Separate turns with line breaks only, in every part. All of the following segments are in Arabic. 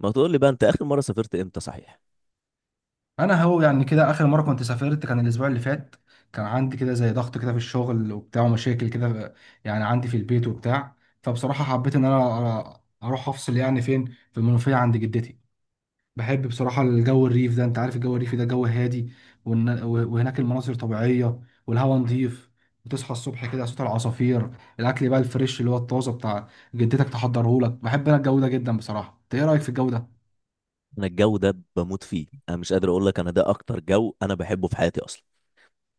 ما تقول لي بقى، انت اخر مره سافرت امتى؟ صحيح.
انا هو يعني كده اخر مره كنت سافرت كان الاسبوع اللي فات. كان عندي كده زي ضغط كده في الشغل وبتاع ومشاكل كده، يعني عندي في البيت وبتاع. فبصراحه حبيت ان انا اروح افصل، يعني فين؟ في المنوفيه عند جدتي. بحب بصراحه الجو الريف ده، انت عارف الجو الريفي ده جو هادي، وهناك المناظر طبيعيه، والهواء نظيف، وتصحى الصبح كده صوت العصافير. الاكل بقى الفريش اللي هو الطازه بتاع جدتك تحضره لك. بحب انا الجو ده جدا بصراحه. انت ايه رايك في الجو ده؟
انا الجو ده بموت فيه. انا مش قادر اقول لك، انا ده اكتر جو انا بحبه في حياتي اصلا.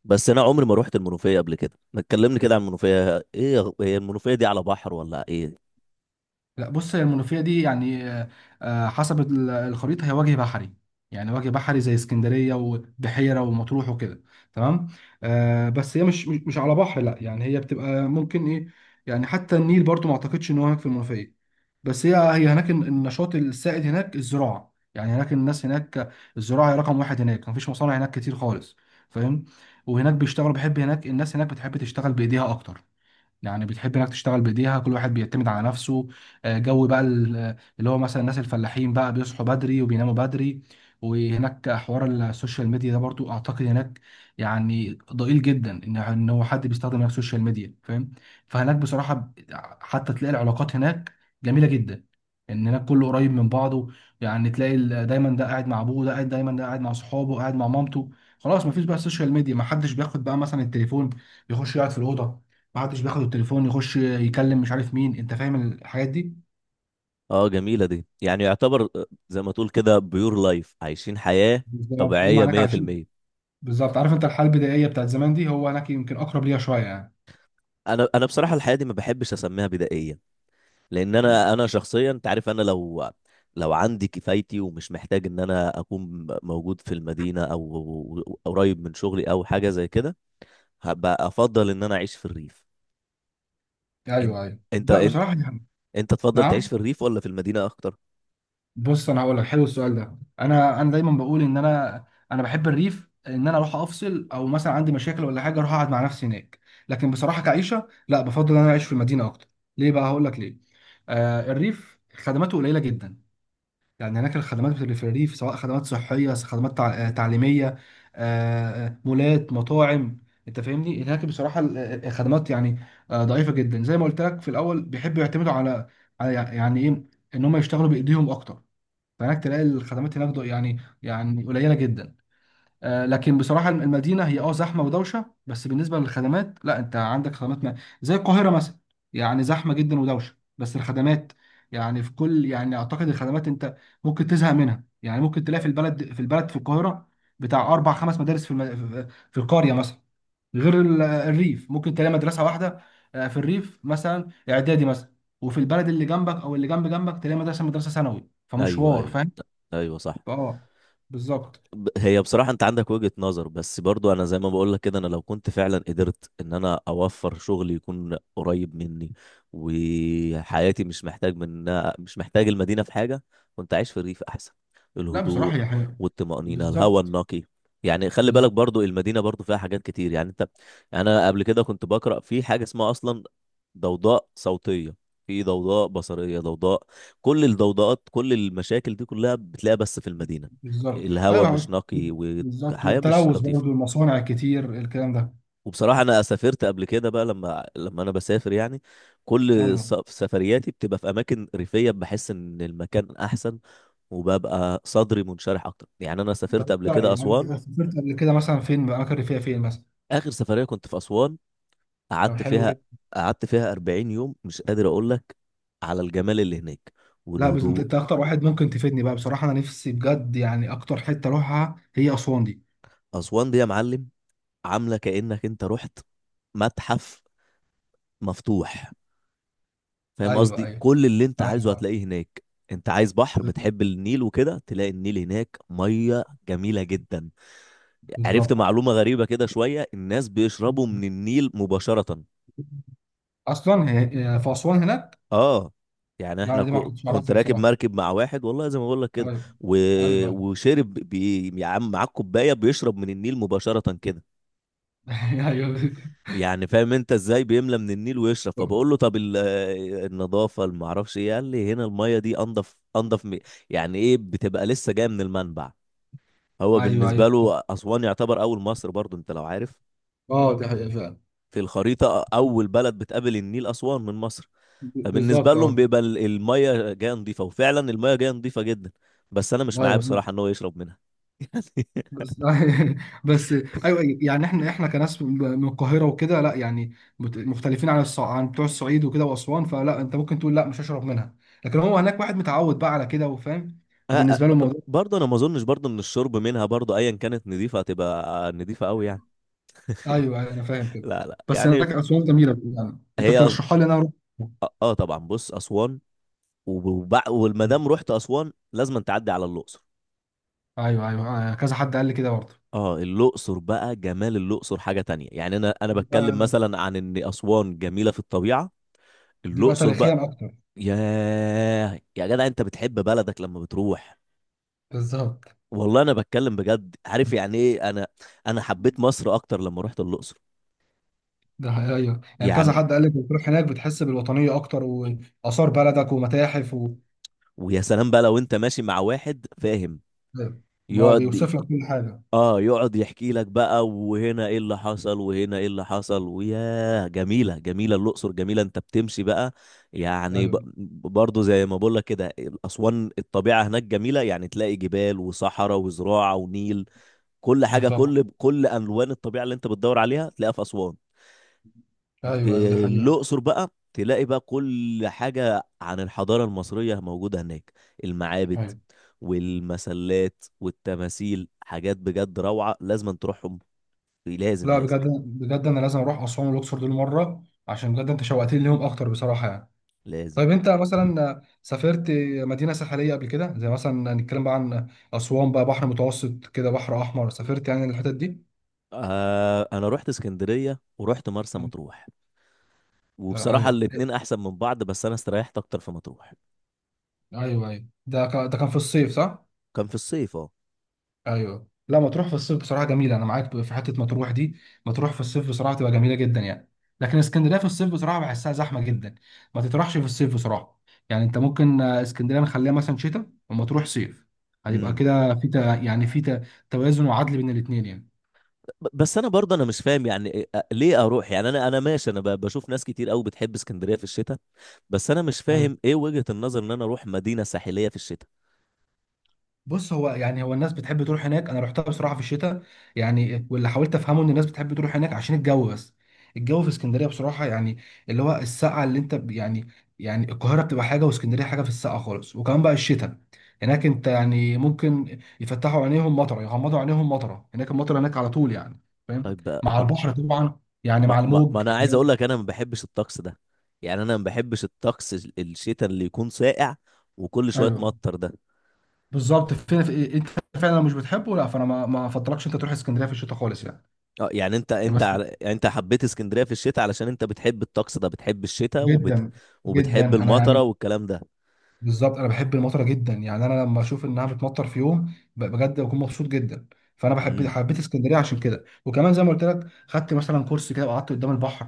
بس انا عمري ما روحت المنوفيه قبل كده. ما تكلمني كده عن المنوفيه. ايه هي المنوفيه دي على بحر ولا ايه؟
لا بص، هي المنوفية دي يعني حسب الخريطة هي وجه بحري، يعني وجه بحري زي اسكندرية وبحيرة ومطروح وكده، تمام. بس هي مش على بحر، لا يعني هي بتبقى ممكن ايه. يعني حتى النيل برضو ما اعتقدش ان هو هناك في المنوفية. بس هي هناك النشاط السائد هناك الزراعة، يعني هناك الناس هناك الزراعة هي رقم واحد، هناك مفيش مصانع هناك كتير خالص، فاهم. وهناك بيشتغلوا، بحب هناك الناس هناك بتحب تشتغل بإيديها أكتر، يعني بتحب انك تشتغل بايديها، كل واحد بيعتمد على نفسه. جو بقى اللي هو مثلا الناس الفلاحين بقى بيصحوا بدري وبيناموا بدري. وهناك حوار السوشيال ميديا ده برضو اعتقد هناك يعني ضئيل جدا، ان هو حد بيستخدم هناك السوشيال ميديا، فاهم. فهناك بصراحة حتى تلاقي العلاقات هناك جميلة جدا، ان هناك كله قريب من بعضه. يعني تلاقي دايما ده قاعد مع ابوه، ده قاعد دايما، ده قاعد مع صحابه، قاعد مع مامته، خلاص مفيش بقى السوشيال ميديا. محدش بياخد بقى مثلا التليفون يخش يقعد في الأوضة، ما عادش بياخد التليفون يخش يكلم مش عارف مين، انت فاهم الحاجات دي.
اه جميله دي، يعني يعتبر زي ما تقول كده بيور لايف، عايشين حياه
بالظبط هم
طبيعيه
هناك عايشين.
100%.
بالظبط، عارف انت الحاله البدائيه بتاعت زمان دي، هو هناك يمكن اقرب ليها شويه يعني.
انا بصراحه الحياه دي ما بحبش اسميها بدائيه، لان انا شخصيا، انت عارف انا لو عندي كفايتي ومش محتاج ان انا اكون موجود في المدينه او قريب من شغلي او حاجه زي كده، هبقى افضل ان انا اعيش في الريف. انت
ايوه، ايوه،
انت
لا
انت,
بصراحه يعني.
انت تفضل تعيش
نعم.
في الريف ولا في المدينه اكتر؟
بص انا هقول لك، حلو السؤال ده. انا انا دايما بقول ان انا انا بحب الريف، ان انا اروح افصل، او مثلا عندي مشاكل ولا حاجه اروح اقعد مع نفسي هناك. لكن بصراحه كعيشه لا، بفضل ان انا اعيش في المدينه اكتر. ليه بقى؟ هقول لك ليه. الريف خدماته قليله جدا، يعني هناك الخدمات بتبقى في الريف، سواء خدمات صحية، خدمات تعليمية، مولات، مطاعم. انت فاهمني. هناك بصراحة الخدمات يعني ضعيفة جدا. زي ما قلت لك في الأول، بيحبوا يعتمدوا على، يعني ايه، ان هم يشتغلوا بإيديهم اكتر. فهناك تلاقي الخدمات هناك يعني قليلة جدا. لكن بصراحة المدينة هي زحمة ودوشة، بس بالنسبة للخدمات لا، انت عندك خدمات ما. زي القاهرة مثلا، يعني زحمة جدا ودوشة، بس الخدمات يعني في كل، يعني اعتقد الخدمات انت ممكن تزهق منها. يعني ممكن تلاقي في البلد في القاهرة بتاع اربع خمس مدارس. في القرية مثلا، غير الريف ممكن تلاقي مدرسة واحدة. في الريف مثلا اعدادي مثلا، وفي البلد اللي جنبك او اللي جنب جنبك تلاقي مدرسة، مدرسة ثانوي،
ايوه،
فمشوار،
ايوه.
فاهم؟
ايوه صح.
اه، بالظبط.
هي بصراحة انت عندك وجهة نظر، بس برضو انا زي ما بقول لك كده، انا لو كنت فعلا قدرت ان انا اوفر شغل يكون قريب مني، وحياتي مش محتاج من مش محتاج المدينة في حاجة، كنت عايش في الريف احسن.
لا
الهدوء
بصراحة هي حاجة.
والطمأنينة، الهواء
بالظبط.
النقي. يعني خلي
بز-
بالك برضو المدينة برضو فيها حاجات كتير، يعني انت، يعني انا قبل كده كنت بقرأ في حاجة اسمها اصلا ضوضاء صوتية، في ضوضاء بصرية، ضوضاء. كل الضوضاءات كل المشاكل دي كلها بتلاقيها بس في المدينة.
بالظبط.
الهوا مش
ايوه.
نقي
بالظبط،
وحياة مش
والتلوث
لطيفة.
برضه، المصانع الكتير، الكلام ده.
وبصراحة أنا سافرت قبل كده بقى. لما أنا بسافر يعني كل
ايوه.
سفرياتي بتبقى في أماكن ريفية، بحس إن المكان أحسن وببقى صدري منشرح أكتر. يعني أنا
طب
سافرت
انت
قبل كده
يعني
أسوان.
سافرت قبل كده مثلا فين؟ اماكن ريفيه فين مثلا؟
آخر سفرية كنت في أسوان،
لو،
قعدت
حلو
فيها
جدا.
قعدت فيها 40 يوم. مش قادر أقول لك على الجمال اللي هناك
لا بس انت
والهدوء.
أنت اكتر واحد ممكن تفيدني بقى، بصراحة انا نفسي بجد يعني، اكتر حتة اروحها هي اسوان دي.
أسوان دي يا معلم، عاملة كأنك أنت رحت متحف مفتوح. فاهم
ايوه،
قصدي؟
ايوه.
كل اللي انت عايزه
ايوه.
هتلاقيه هناك. انت عايز بحر، بتحب النيل وكده، تلاقي النيل هناك، ميه جميله جدا. عرفت
بالظبط.
معلومه غريبه كده شويه، الناس بيشربوا من النيل مباشره.
اصلا هي في اسوان هناك.
اه يعني
لا
احنا
انا دي ما كنتش
كنت
اعرفها
راكب
بصراحة.
مركب مع واحد، والله زي ما بقول لك كده،
ايوه.
و...
ايوه
وشرب يا عم، معاه كوبايه بيشرب من النيل مباشره كده. يعني فاهم انت ازاي بيملى من النيل ويشرب. فبقول له طب النظافه اللي معرفش ايه، قال لي هنا الميه دي انضف، يعني ايه، بتبقى لسه جايه من المنبع. هو
ايوه،
بالنسبه
ايوه.
له اسوان يعتبر اول مصر، برضو انت لو عارف،
اه، دي حقيقة فعلا.
في الخريطه اول بلد بتقابل النيل اسوان من مصر، فبالنسبه
بالظبط،
لهم
اه.
بيبقى الميه جايه نظيفه، وفعلا الميه جايه نظيفه جدا، بس انا مش معاه
ايوه.
بصراحه ان هو يشرب منها.
بس بس. ايوه، يعني احنا كناس من القاهره وكده لا، يعني مختلفين عن عن بتوع الصعيد وكده واسوان، فلا، انت ممكن تقول لا مش هشرب منها. لكن هو هناك واحد متعود بقى على كده وفاهم،
يعني
فبالنسبه له الموضوع.
برضه انا ما اظنش برضه ان الشرب منها، برضه ايا كانت نظيفه هتبقى نظيفه قوي يعني.
ايوه، أيوة، انا فاهم كده.
لا لا
بس هناك
يعني.
اسوان جميله، يعني انت
هي أص...
ترشحها لي إن انا اروح.
اه طبعا، بص اسوان والمدام رحت اسوان لازم تعدي على الاقصر.
ايوه، ايوه، كذا حد قال لي كده برضه.
اه الاقصر بقى، جمال الاقصر حاجه تانية. يعني انا
دي
بتكلم
بقى
مثلا عن ان اسوان جميله في الطبيعه،
دي بقى
الاقصر بقى،
تاريخيا اكتر.
ياه يا جدع، انت بتحب بلدك لما بتروح.
بالظبط.
والله انا بتكلم بجد، عارف يعني ايه، انا انا حبيت مصر اكتر لما رحت الاقصر.
ده حقيقي، ايوه، يعني كذا
يعني
حد قال لك بتروح هناك بتحس بالوطنيه اكتر، واثار بلدك ومتاحف و...
ويا سلام بقى لو انت ماشي مع واحد فاهم،
هو
يقعد،
بيوصف لك كل حاجه.
اه يقعد يحكي لك بقى، وهنا ايه اللي حصل وهنا ايه اللي حصل، وياه جميله، جميله الاقصر، جميله. انت بتمشي بقى، يعني ب-
ايوه.
برضو زي ما بقول لك كده، اسوان الطبيعه هناك جميله، يعني تلاقي جبال وصحراء وزراعه ونيل. كل حاجه،
بالظبط.
كل الوان الطبيعه اللي انت بتدور عليها تلاقيها في اسوان.
ايوه، ايوه، دي
في
حقيقه.
الأقصر بقى تلاقي بقى كل حاجة عن الحضارة المصرية موجودة هناك، المعابد
ايوه.
والمسلات والتماثيل. حاجات بجد روعة، لازم تروحهم. لازم،
لا
لازم،
بجد، بجد انا لازم اروح اسوان والاقصر دول مره، عشان بجد انت شوقتني ليهم اكتر بصراحه يعني.
لازم.
طيب انت مثلا سافرت مدينه ساحليه قبل كده؟ زي مثلا نتكلم بقى عن اسوان بقى، بحر متوسط كده، بحر احمر، سافرت يعني الحتت دي؟
آه أنا رحت اسكندرية ورحت مرسى
مم.
مطروح. وبصراحة
ايوه.
الاتنين أحسن من بعض، بس أنا استريحت أكتر في مطروح.
ايوه، ايوه، ده كان في الصيف، صح؟
كان في الصيف اه.
ايوه، لا مطروح في الصيف بصراحه جميله، انا معاك في حته مطروح دي. مطروح في الصيف بصراحه تبقى جميله جدا يعني. لكن اسكندريه في الصيف بصراحه بحسها زحمه جدا. ما تطرحش في الصيف بصراحه. يعني انت ممكن اسكندريه نخليها مثلا شتاء ومطروح صيف، هيبقى كده في توازن وعدل بين الاثنين.
بس انا برضه انا مش فاهم، يعني ليه اروح؟ يعني انا انا ماشي، انا بشوف ناس كتير قوي بتحب اسكندريه في الشتاء، بس انا مش
يعني
فاهم ايه وجهة النظر ان انا اروح مدينه ساحليه في الشتاء.
بص، يعني هو الناس بتحب تروح هناك. انا رحتها بصراحه في الشتاء، يعني واللي حاولت افهمه ان الناس بتحب تروح هناك عشان الجو بس. الجو في اسكندريه بصراحه يعني اللي هو السقعه اللي انت يعني، يعني القاهره بتبقى حاجه واسكندريه حاجه في السقعه خالص. وكمان بقى الشتاء هناك، انت يعني ممكن يفتحوا عينيهم مطره، يغمضوا عينيهم مطره، هناك المطره هناك على طول يعني، فاهم، مع
طب
البحر طبعا، يعني
ما,
مع
ما, ما
الموج
انا عايز اقول
يعني.
لك انا ما بحبش الطقس ده. يعني انا ما بحبش الطقس الشتاء اللي يكون ساقع وكل شويه
ايوه
مطر ده.
بالظبط، فين في انت فعلا مش بتحبه لا، فانا ما افضلكش انت تروح اسكندريه في الشتاء خالص يعني.
اه يعني
بس
انت حبيت اسكندريه في الشتاء علشان انت بتحب الطقس ده، بتحب الشتاء وبت،
جدا. جدا
وبتحب
انا
المطره
يعني.
والكلام ده.
بالظبط. انا بحب المطره جدا يعني، انا لما اشوف انها بتمطر في يوم بجد بكون مبسوط جدا. فانا بحب،
امم.
حبيت اسكندريه عشان كده. وكمان زي ما قلت لك خدت مثلا كورس كده وقعدت قدام البحر.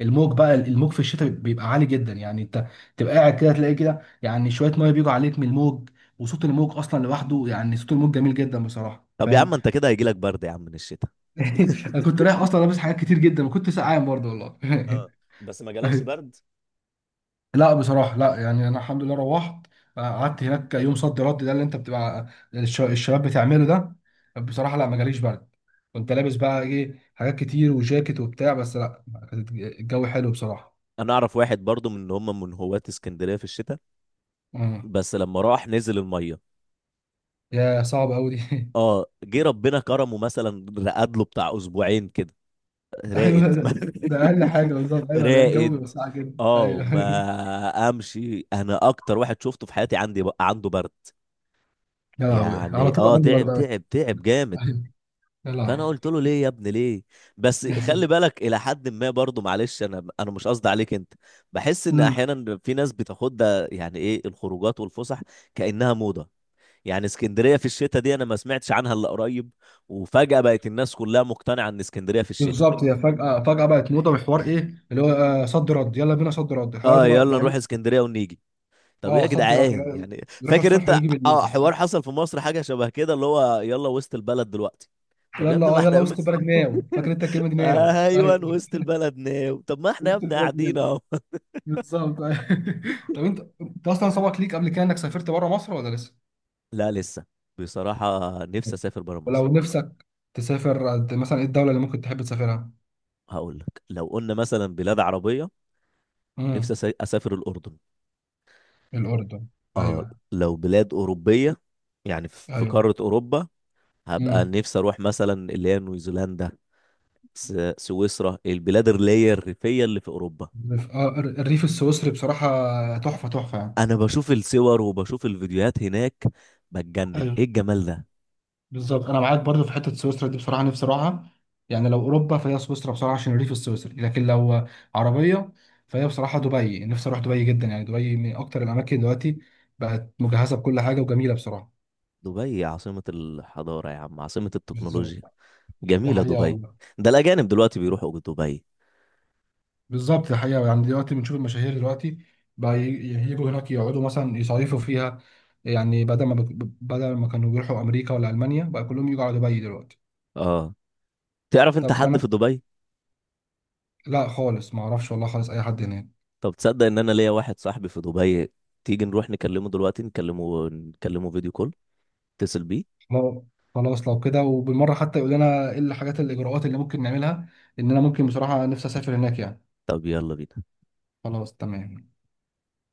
الموج بقى في الشتاء بيبقى عالي جدا يعني، انت تبقى قاعد كده تلاقي كده يعني شويه ميه بيجوا عليك من الموج. وصوت الموج اصلا لوحده يعني، صوت الموج جميل جدا بصراحه،
طب يا
فاهم.
عم انت كده هيجيلك برد يا عم من الشتاء.
انا كنت رايح اصلا لابس حاجات كتير جدا وكنت سقعان برضه والله.
اه بس ما جالكش برد.
لا بصراحة لا يعني، أنا الحمد لله روحت، قعدت هناك يوم صد رد، ده اللي أنت بتبقى الشباب بتعمله ده. بصراحة لا، ما جاليش برد. كنت لابس بقى إيه حاجات كتير وجاكيت وبتاع، بس لا، كانت الجو حلو بصراحة.
انا اعرف واحد برضو من ان هم من هواة اسكندريه في الشتاء،
مم.
بس لما راح نزل الميه،
يا صعب أوي دي
اه جه ربنا كرمه مثلا، رقد له بتاع اسبوعين كده.
أيوه
راقد
ده أقل حاجة، بالظبط. أيوه لا، الجو بيبقى
راقد.
ساقع جدا،
اه
أيوه
ما امشي، انا اكتر واحد شفته في حياتي عندي عنده برد.
يا لهوي، على
يعني
طول
اه
عندي برد
تعب،
أوي.
تعب، تعب جامد.
أيوه. يا
فانا
لهوي.
قلت له ليه يا ابني ليه؟ بس خلي بالك الى حد ما برضه، معلش انا انا مش قصدي عليك انت، بحس ان
امم.
احيانا في ناس بتاخد ده يعني ايه، الخروجات والفسح كانها موضه. يعني اسكندريه في الشتاء دي انا ما سمعتش عنها الا قريب، وفجاه بقت الناس كلها مقتنعه ان اسكندريه في الشتاء،
بالظبط، هي فجأة فجأة بقت موضة، بحوار إيه اللي هو صد رد، يلا بينا صد رد، الحوار
اه
ده بقى
يلا
بقى
نروح اسكندريه ونيجي. طب ايه
اه
يا
صد رد،
جدعان،
لا،
يعني
يروح
فاكر
الصبح
انت
ويجي بالليل.
اه حوار حصل في مصر حاجه شبه كده، اللي هو يلا وسط البلد دلوقتي؟ طب يا
يلا،
ابني ما
يلا
احنا
وسط البلد نام، فاكر انت الكلمه دي نام؟
ايوه،
ايوه
وسط البلد ناو. طب ما احنا يا
وسط
ابني
البلد
قاعدين
نام.
اهو.
بالظبط، أيوة. طب انت اصلا سبق ليك قبل كده انك سافرت بره مصر ولا لسه؟
لا لسه، بصراحة نفسي اسافر برا
ولو
مصر.
نفسك تسافر مثلا ايه الدوله اللي ممكن تحب تسافرها؟
هقول لك، لو قلنا مثلا بلاد عربية،
امم.
نفسي اسافر الاردن.
الاردن.
اه
ايوه،
لو بلاد اوروبية، يعني في في
ايوه.
قارة اوروبا، هبقى
امم.
نفسي اروح مثلا اللي هي نيوزيلندا، س- سويسرا، البلاد اللي هي الريفية اللي في اوروبا.
الريف، الريف السويسري بصراحه تحفه، تحفه يعني.
انا بشوف الصور وبشوف الفيديوهات هناك، بتجنن،
ايوه
ايه الجمال ده.
بالظبط، انا معاك برضو في حته سويسرا دي، بصراحه نفسي اروحها. يعني لو اوروبا فهي سويسرا بصراحه عشان الريف السويسري. لكن لو عربيه فهي بصراحه دبي، نفسي اروح دبي جدا يعني. دبي من اكتر الاماكن دلوقتي بقت مجهزه بكل حاجه وجميله بصراحه.
دبي عاصمة الحضارة يا عم، عاصمة التكنولوجيا،
بالظبط، ده
جميلة
حقيقه
دبي.
والله.
ده الأجانب دلوقتي بيروحوا دبي.
بالظبط، ده حقيقه، يعني دلوقتي بنشوف المشاهير دلوقتي بقى يجوا هناك يقعدوا مثلا يصيفوا فيها. يعني بدل ما كانوا بيروحوا امريكا ولا المانيا بقى كلهم يجوا على دبي دلوقتي.
اه، تعرف أنت
طب
حد
انا،
في دبي؟
لا خالص ما اعرفش والله خالص اي حد هناك.
طب تصدق إن أنا ليا واحد صاحبي في دبي؟ تيجي نروح نكلمه دلوقتي، نكلمه، نكلمه فيديو كول، اتصل بيه.
لو، خلاص لو كده وبالمرة حتى يقول لنا ايه الحاجات، الإجراءات اللي ممكن نعملها، إن أنا ممكن بصراحة نفسي أسافر هناك يعني.
طب يلا بينا.
خلاص، تمام.